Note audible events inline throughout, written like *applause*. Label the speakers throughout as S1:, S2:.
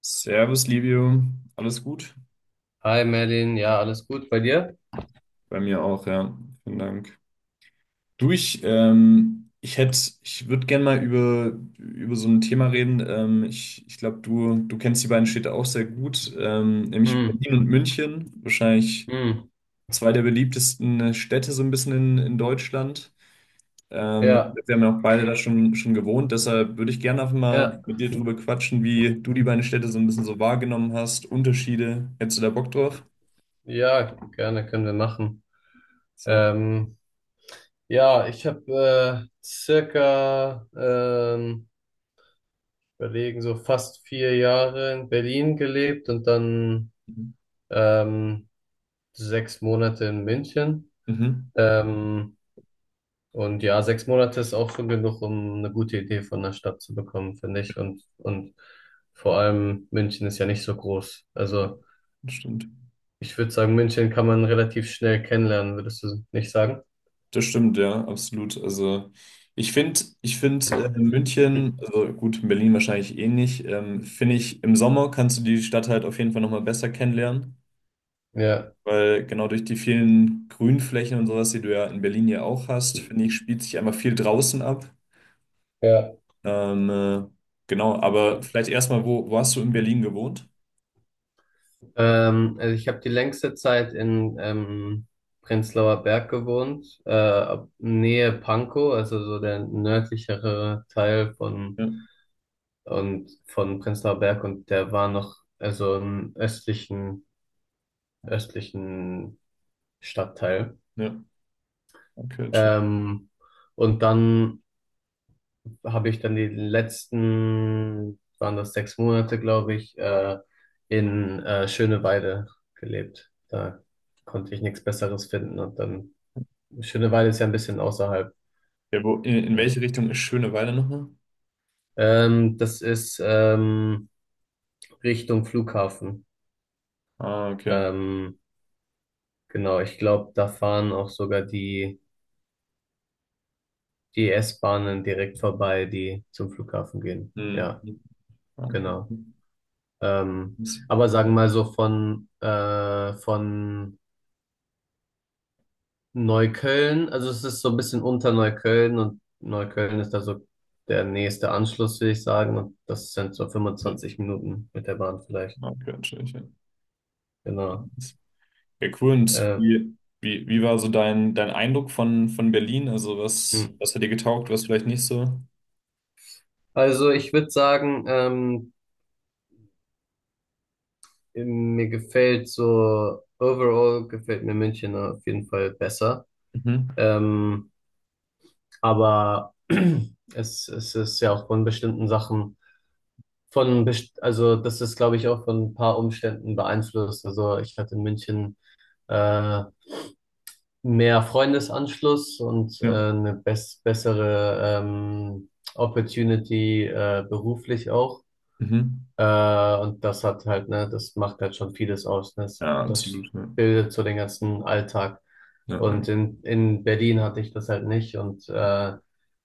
S1: Servus, Livio. Alles gut?
S2: Hi Merlin, ja, alles gut bei dir?
S1: Bei mir auch, ja. Vielen Dank. Du, ich hätte, ich würde gerne mal über so ein Thema reden. Ich glaube, du kennst die beiden Städte auch sehr gut, nämlich
S2: Hm,
S1: Berlin und München. Wahrscheinlich
S2: hm,
S1: zwei der beliebtesten Städte so ein bisschen in Deutschland.
S2: ja,
S1: Wir haben ja auch beide da schon gewohnt. Deshalb würde ich gerne einfach mal
S2: ja,
S1: mit dir drüber quatschen, wie du die beiden Städte so ein bisschen so wahrgenommen hast. Unterschiede. Hättest du da Bock drauf?
S2: ja, gerne können wir machen.
S1: Sehr gut.
S2: Ähm, ja, ich habe circa, überlegen, so fast vier Jahre in Berlin gelebt und dann ähm, sechs Monate in München.
S1: Mhm.
S2: Ähm, und ja, sechs Monate ist auch schon genug, um eine gute Idee von der Stadt zu bekommen, finde ich. Und vor allem München ist ja nicht so groß.
S1: Ja,
S2: Also
S1: das stimmt.
S2: ich würde sagen, München kann man relativ schnell kennenlernen, würdest du nicht sagen?
S1: Das stimmt, ja, absolut. Also ich finde
S2: Hm.
S1: München, also gut, Berlin wahrscheinlich ähnlich, finde ich, im Sommer kannst du die Stadt halt auf jeden Fall nochmal besser kennenlernen,
S2: Ja,
S1: weil genau durch die vielen Grünflächen und sowas, die du ja in Berlin ja auch hast, finde ich, spielt sich einfach viel draußen ab.
S2: ja.
S1: Ähm, äh, genau, aber vielleicht erstmal, wo hast du in Berlin gewohnt?
S2: Also ich habe die längste Zeit in Prenzlauer Berg gewohnt, Nähe Pankow, also so der nördlichere Teil von
S1: Ja,
S2: und von Prenzlauer Berg, und der war noch, also im östlichen östlichen Stadtteil.
S1: ja, okay, schön.
S2: Ähm, und dann habe ich dann die letzten, waren das sechs Monate, glaube ich, in Schöneweide gelebt. Da konnte ich nichts Besseres finden. Und dann, Schöneweide ist ja ein bisschen außerhalb.
S1: Ja, in welche Richtung ist Schöneweide nochmal?
S2: Das ist Richtung Flughafen.
S1: Ah, okay.
S2: Ähm, genau, ich glaube, da fahren auch sogar die S-Bahnen direkt vorbei, die zum Flughafen gehen.
S1: Hm,
S2: Ja,
S1: hm, okay.
S2: genau. Ähm, aber sagen wir mal so von Neukölln, also es ist so ein bisschen unter Neukölln, und Neukölln ist da so der nächste Anschluss, würde ich sagen. Und das sind so
S1: Ja,
S2: 25 Minuten mit der Bahn vielleicht.
S1: okay, natürlich. Ja,
S2: Genau.
S1: ja, cool.
S2: Äh,
S1: Wie war so dein Eindruck von Berlin? Also
S2: hm,
S1: was hat dir getaugt, was vielleicht nicht so?
S2: also ich würde sagen, mir gefällt so, overall gefällt mir München auf jeden Fall besser.
S1: Mhm.
S2: Ähm, aber *clears throat* es ist ja auch von bestimmten Sachen. Also das ist, glaube ich, auch von ein paar Umständen beeinflusst. Also ich hatte in München äh, mehr Freundesanschluss und
S1: Ja.
S2: eine bessere Opportunity beruflich auch.
S1: Mhm.
S2: Und das hat halt, ne, das macht halt schon vieles aus, ne? Das,
S1: Ja,
S2: das
S1: absolut. Ja,
S2: bildet so den ganzen Alltag.
S1: ja,
S2: Und in Berlin hatte ich das halt nicht. Und äh,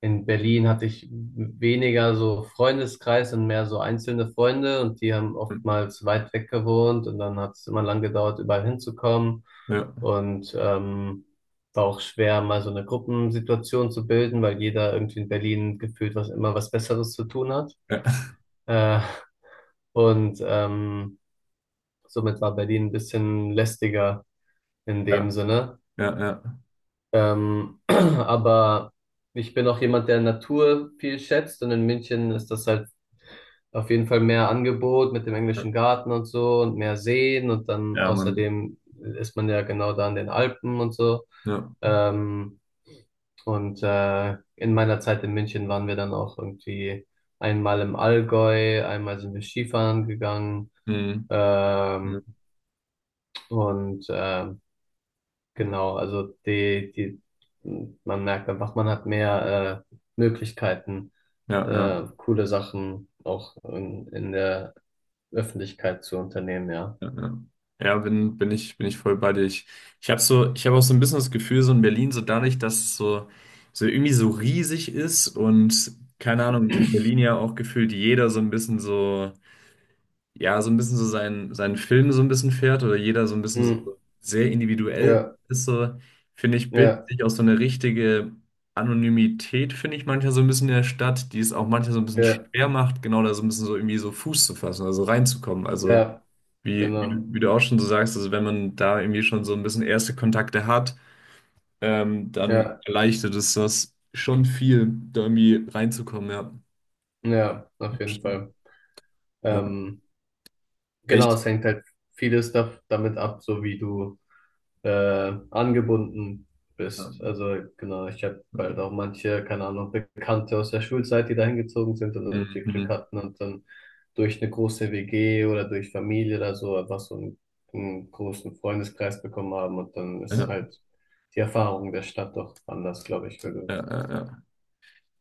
S2: in Berlin hatte ich weniger so Freundeskreis und mehr so einzelne Freunde. Und die haben oftmals weit weg gewohnt. Und dann hat es immer lang gedauert, überall hinzukommen.
S1: ja,
S2: Und war auch schwer, mal so eine Gruppensituation zu bilden, weil jeder irgendwie in Berlin gefühlt was immer was Besseres zu tun hat.
S1: ja,
S2: Äh, und ähm, somit war Berlin ein bisschen lästiger in dem
S1: ja,
S2: Sinne.
S1: ja, ja, ja,
S2: *clears throat* Aber ich bin auch jemand, der Natur viel schätzt, und in München ist das halt auf jeden Fall mehr Angebot mit dem
S1: ja,
S2: englischen Garten und so und mehr Seen, und dann
S1: ja, Mann.
S2: außerdem ist man ja genau da in den Alpen und so.
S1: Ja.
S2: Ähm, in meiner Zeit in München waren wir dann auch irgendwie einmal im Allgäu, einmal sind wir Skifahren gegangen.
S1: Mhm. Ja,
S2: Ähm, Und äh, genau, also die, die, man merkt einfach, man hat mehr Möglichkeiten,
S1: ja, ja.
S2: coole Sachen auch in der Öffentlichkeit zu unternehmen, ja.
S1: Ja, ja, ja, bin ich voll bei dir. Ich habe so, ich habe auch so ein bisschen das Gefühl, so in Berlin, so dadurch, dass es so, so irgendwie so riesig ist und keine Ahnung, in Berlin ja auch gefühlt jeder so ein bisschen so, ja, so ein bisschen so seinen Film so ein bisschen fährt oder jeder so ein bisschen so
S2: Hm,
S1: sehr individuell
S2: ja,
S1: ist, so, finde ich, bildet
S2: ja,
S1: sich auch so eine richtige Anonymität, finde ich manchmal so ein bisschen in der Stadt, die es auch manchmal so ein bisschen
S2: ja,
S1: schwer macht, genau da so ein bisschen so irgendwie so Fuß zu fassen, also reinzukommen. Also,
S2: ja,
S1: wie, wie,
S2: genau.
S1: du- wie du auch schon so sagst, also wenn man da irgendwie schon so ein bisschen erste Kontakte hat, dann
S2: Ja,
S1: erleichtert es das schon viel, da irgendwie reinzukommen, ja.
S2: ja, auf jeden Fall.
S1: Ja,
S2: Ähm, genau,
S1: echt.
S2: es hängt halt vieles damit ab, so wie du angebunden
S1: Ja.
S2: bist. Also genau, ich habe halt auch manche, keine Ahnung, Bekannte aus der Schulzeit, die dahin gezogen sind und irgendwie Glück
S1: Mhm.
S2: hatten, und dann durch eine große WG oder durch Familie oder so einfach einen großen Freundeskreis bekommen haben, und dann ist
S1: Ja,
S2: halt die Erfahrung der Stadt doch anders, glaube ich, wenn
S1: ja,
S2: du
S1: ja, ja.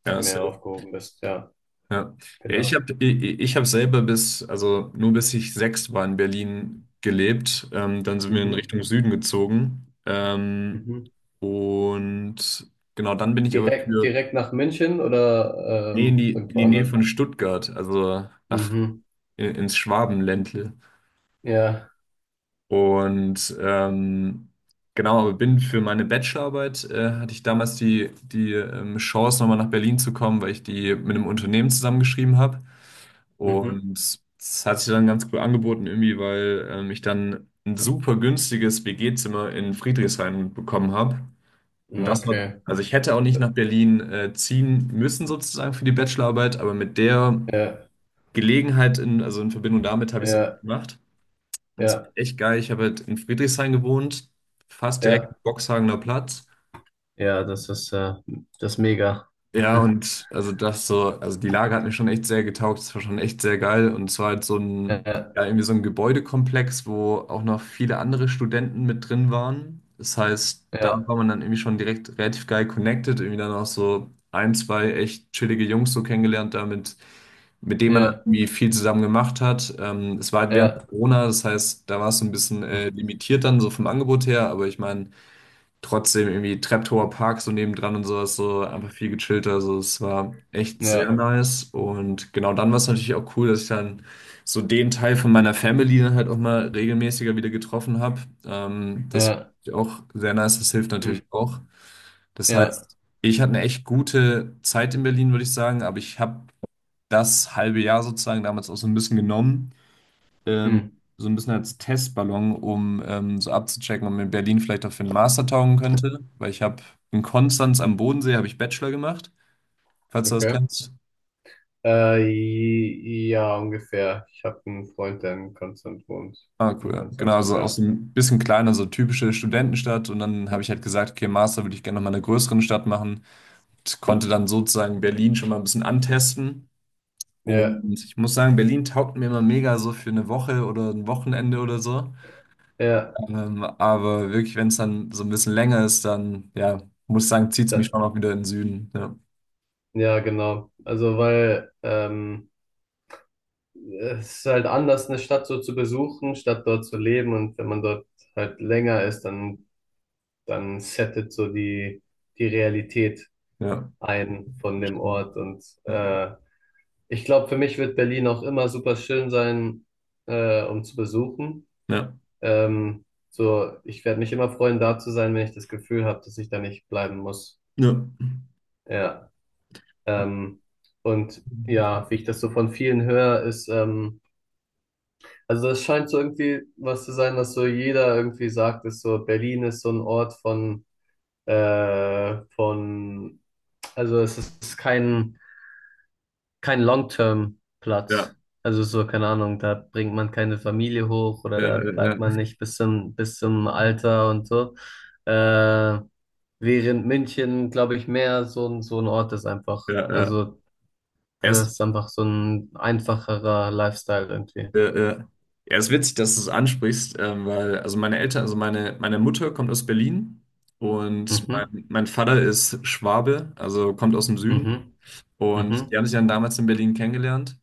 S1: Ja,
S2: mehr
S1: safe.
S2: aufgehoben bist. Ja,
S1: Ja. Ja, ja,
S2: genau.
S1: ich hab selber bis, also nur bis ich sechs war in Berlin gelebt. Dann sind wir in
S2: Mhm.
S1: Richtung Süden gezogen.
S2: Mhm.
S1: Und genau, dann bin ich aber
S2: Direkt,
S1: für,
S2: direkt nach München oder
S1: nee, in
S2: irgendwo
S1: die Nähe
S2: anders?
S1: von Stuttgart, also nach,
S2: Mhm.
S1: in, ins Schwabenländle.
S2: Ja.
S1: Und genau, aber bin für meine Bachelorarbeit, hatte ich damals die Chance, nochmal nach Berlin zu kommen, weil ich die mit einem Unternehmen zusammengeschrieben habe.
S2: Mhm.
S1: Und das hat sich dann ganz cool angeboten, irgendwie, weil ich dann ein super günstiges WG-Zimmer in Friedrichshain bekommen habe. Und das war,
S2: Okay.
S1: also ich hätte auch nicht nach Berlin ziehen müssen, sozusagen für die Bachelorarbeit, aber mit der
S2: Ja,
S1: Gelegenheit, in, also in Verbindung damit habe ich es dann
S2: ja,
S1: halt gemacht. Und es war
S2: ja,
S1: echt geil. Ich habe halt in Friedrichshain gewohnt, fast direkt am
S2: ja,
S1: Boxhagener Platz.
S2: ja, das ist mega.
S1: Ja, und also das so, also die Lage hat mir schon echt sehr getaugt. Es war schon echt sehr geil. Und es war halt so ein,
S2: Ja,
S1: ja, irgendwie so ein Gebäudekomplex, wo auch noch viele andere Studenten mit drin waren. Das heißt, da
S2: ja,
S1: war man dann irgendwie schon direkt relativ geil connected. Irgendwie dann auch so ein, zwei echt chillige Jungs so kennengelernt damit mit dem man dann
S2: ja,
S1: irgendwie viel zusammen gemacht hat. Es war halt während
S2: ja,
S1: Corona, das heißt, da war es so ein bisschen
S2: hm,
S1: limitiert dann so vom Angebot her, aber ich meine, trotzdem irgendwie Treptower Park so nebendran und sowas, so einfach viel gechillter. Also es war echt sehr
S2: ja,
S1: nice. Und genau dann war es natürlich auch cool, dass ich dann so den Teil von meiner Family dann halt auch mal regelmäßiger wieder getroffen habe. Das fand
S2: ja,
S1: ich auch sehr nice, das hilft
S2: hm,
S1: natürlich auch. Das
S2: ja,
S1: heißt, ich hatte eine echt gute Zeit in Berlin, würde ich sagen, aber ich habe das halbe Jahr sozusagen damals auch so ein bisschen genommen, ähm,
S2: hm.
S1: so ein bisschen als Testballon, um so abzuchecken, ob mir Berlin vielleicht auch für einen Master taugen könnte, weil ich habe in Konstanz am Bodensee habe ich Bachelor gemacht, falls du das
S2: Okay.
S1: kennst.
S2: Ja, ungefähr. Ich habe einen Freund, der in Konstanz wohnt.
S1: Ah, cool,
S2: In
S1: ja. Genau,
S2: Konstanz wohnt,
S1: also auch
S2: ja.
S1: so ein bisschen kleiner, so typische Studentenstadt. Und dann habe ich halt gesagt, okay, Master würde ich gerne noch mal in einer größeren Stadt machen. Und konnte dann sozusagen Berlin schon mal ein bisschen antesten.
S2: Ja,
S1: Und ich muss sagen, Berlin taugt mir immer mega so für eine Woche oder ein Wochenende oder so.
S2: ja,
S1: Aber wirklich, wenn es dann so ein bisschen länger ist, dann, ja, muss ich sagen, zieht es mich
S2: da,
S1: schon auch wieder in den Süden. Ja,
S2: ja, genau. Also, weil, es ist halt anders, eine Stadt so zu besuchen, statt dort zu leben. Und wenn man dort halt länger ist, dann settet so die Realität
S1: ja,
S2: ein von
S1: das
S2: dem
S1: stimmt.
S2: Ort. Und ich glaube, für mich wird Berlin auch immer super schön sein, um zu besuchen.
S1: Ja,
S2: Ähm, so, ich werde mich immer freuen, da zu sein, wenn ich das Gefühl habe, dass ich da nicht bleiben muss.
S1: ja,
S2: Ja. Ähm, und ja, wie ich das so von vielen höre, ist, also das scheint so irgendwie was zu sein, was so jeder irgendwie sagt, ist so, Berlin ist so ein Ort von Also es ist kein, kein Long-Term-Platz.
S1: ja,
S2: Also so, keine Ahnung, da bringt man keine Familie hoch, oder
S1: ja, ja,
S2: da
S1: ja,
S2: bleibt man
S1: ja,
S2: nicht bis zum Alter und so. Äh, während München, glaube ich, mehr so ein Ort ist einfach.
S1: ja, ja, ja,
S2: Also
S1: es,
S2: das ist einfach so ein einfacherer Lifestyle irgendwie.
S1: ja, es ist witzig, dass du es ansprichst, weil, also meine Eltern, also meine Mutter kommt aus Berlin und
S2: Mhm,
S1: mein Vater ist Schwabe, also kommt aus dem Süden
S2: mhm,
S1: und die
S2: mhm,
S1: haben sich dann damals in Berlin kennengelernt.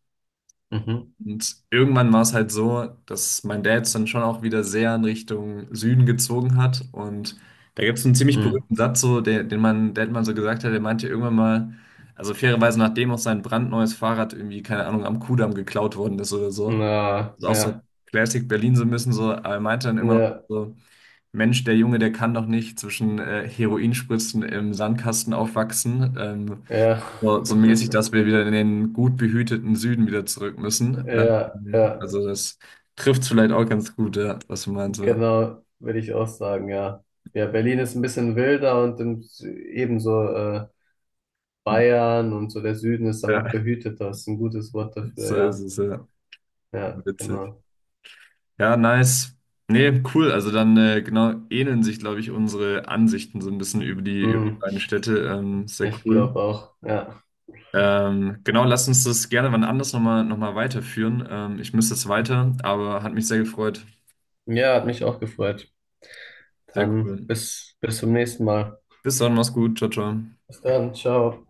S2: mhm,
S1: Und irgendwann war es halt so, dass mein Dad es dann schon auch wieder sehr in Richtung Süden gezogen hat. Und da gibt es einen ziemlich
S2: mhm.
S1: berühmten Satz, so, der, den mein Dad mal so gesagt hat. Der meinte irgendwann mal, also fairerweise, nachdem auch sein brandneues Fahrrad irgendwie, keine Ahnung, am Kudamm geklaut worden ist oder so.
S2: Na,
S1: Ist auch so
S2: ja,
S1: Classic Berlin so ein bisschen so. Aber er meinte dann immer noch
S2: ja,
S1: so, Mensch, der Junge, der kann doch nicht zwischen Heroinspritzen im Sandkasten aufwachsen.
S2: ja.
S1: So, so mäßig, dass
S2: *laughs*
S1: wir wieder in den gut behüteten Süden wieder zurück müssen.
S2: Ja, ja.
S1: Also das trifft vielleicht auch ganz gut, ja, was du meinst. Ja.
S2: Genau, würde ich auch sagen, ja. Ja, Berlin ist ein bisschen wilder und im, ebenso Bayern und so der Süden ist einfach
S1: Ja,
S2: behüteter. Ist ein gutes Wort
S1: *laughs* so
S2: dafür,
S1: ist
S2: ja.
S1: es, ja.
S2: Ja,
S1: Witzig.
S2: genau.
S1: Ja, nice. Nee, cool. Also dann genau ähneln sich, glaube ich, unsere Ansichten so ein bisschen über über die
S2: Hm,
S1: beiden Städte. Sehr
S2: ich
S1: cool.
S2: glaube auch, ja.
S1: Genau, lass uns das gerne wann anders noch mal weiterführen. Ich müsste jetzt weiter, aber hat mich sehr gefreut.
S2: Ja, hat mich auch gefreut.
S1: Sehr
S2: Dann
S1: cool.
S2: bis zum nächsten Mal.
S1: Bis dann, mach's gut. Ciao, ciao.
S2: Bis dann, ciao.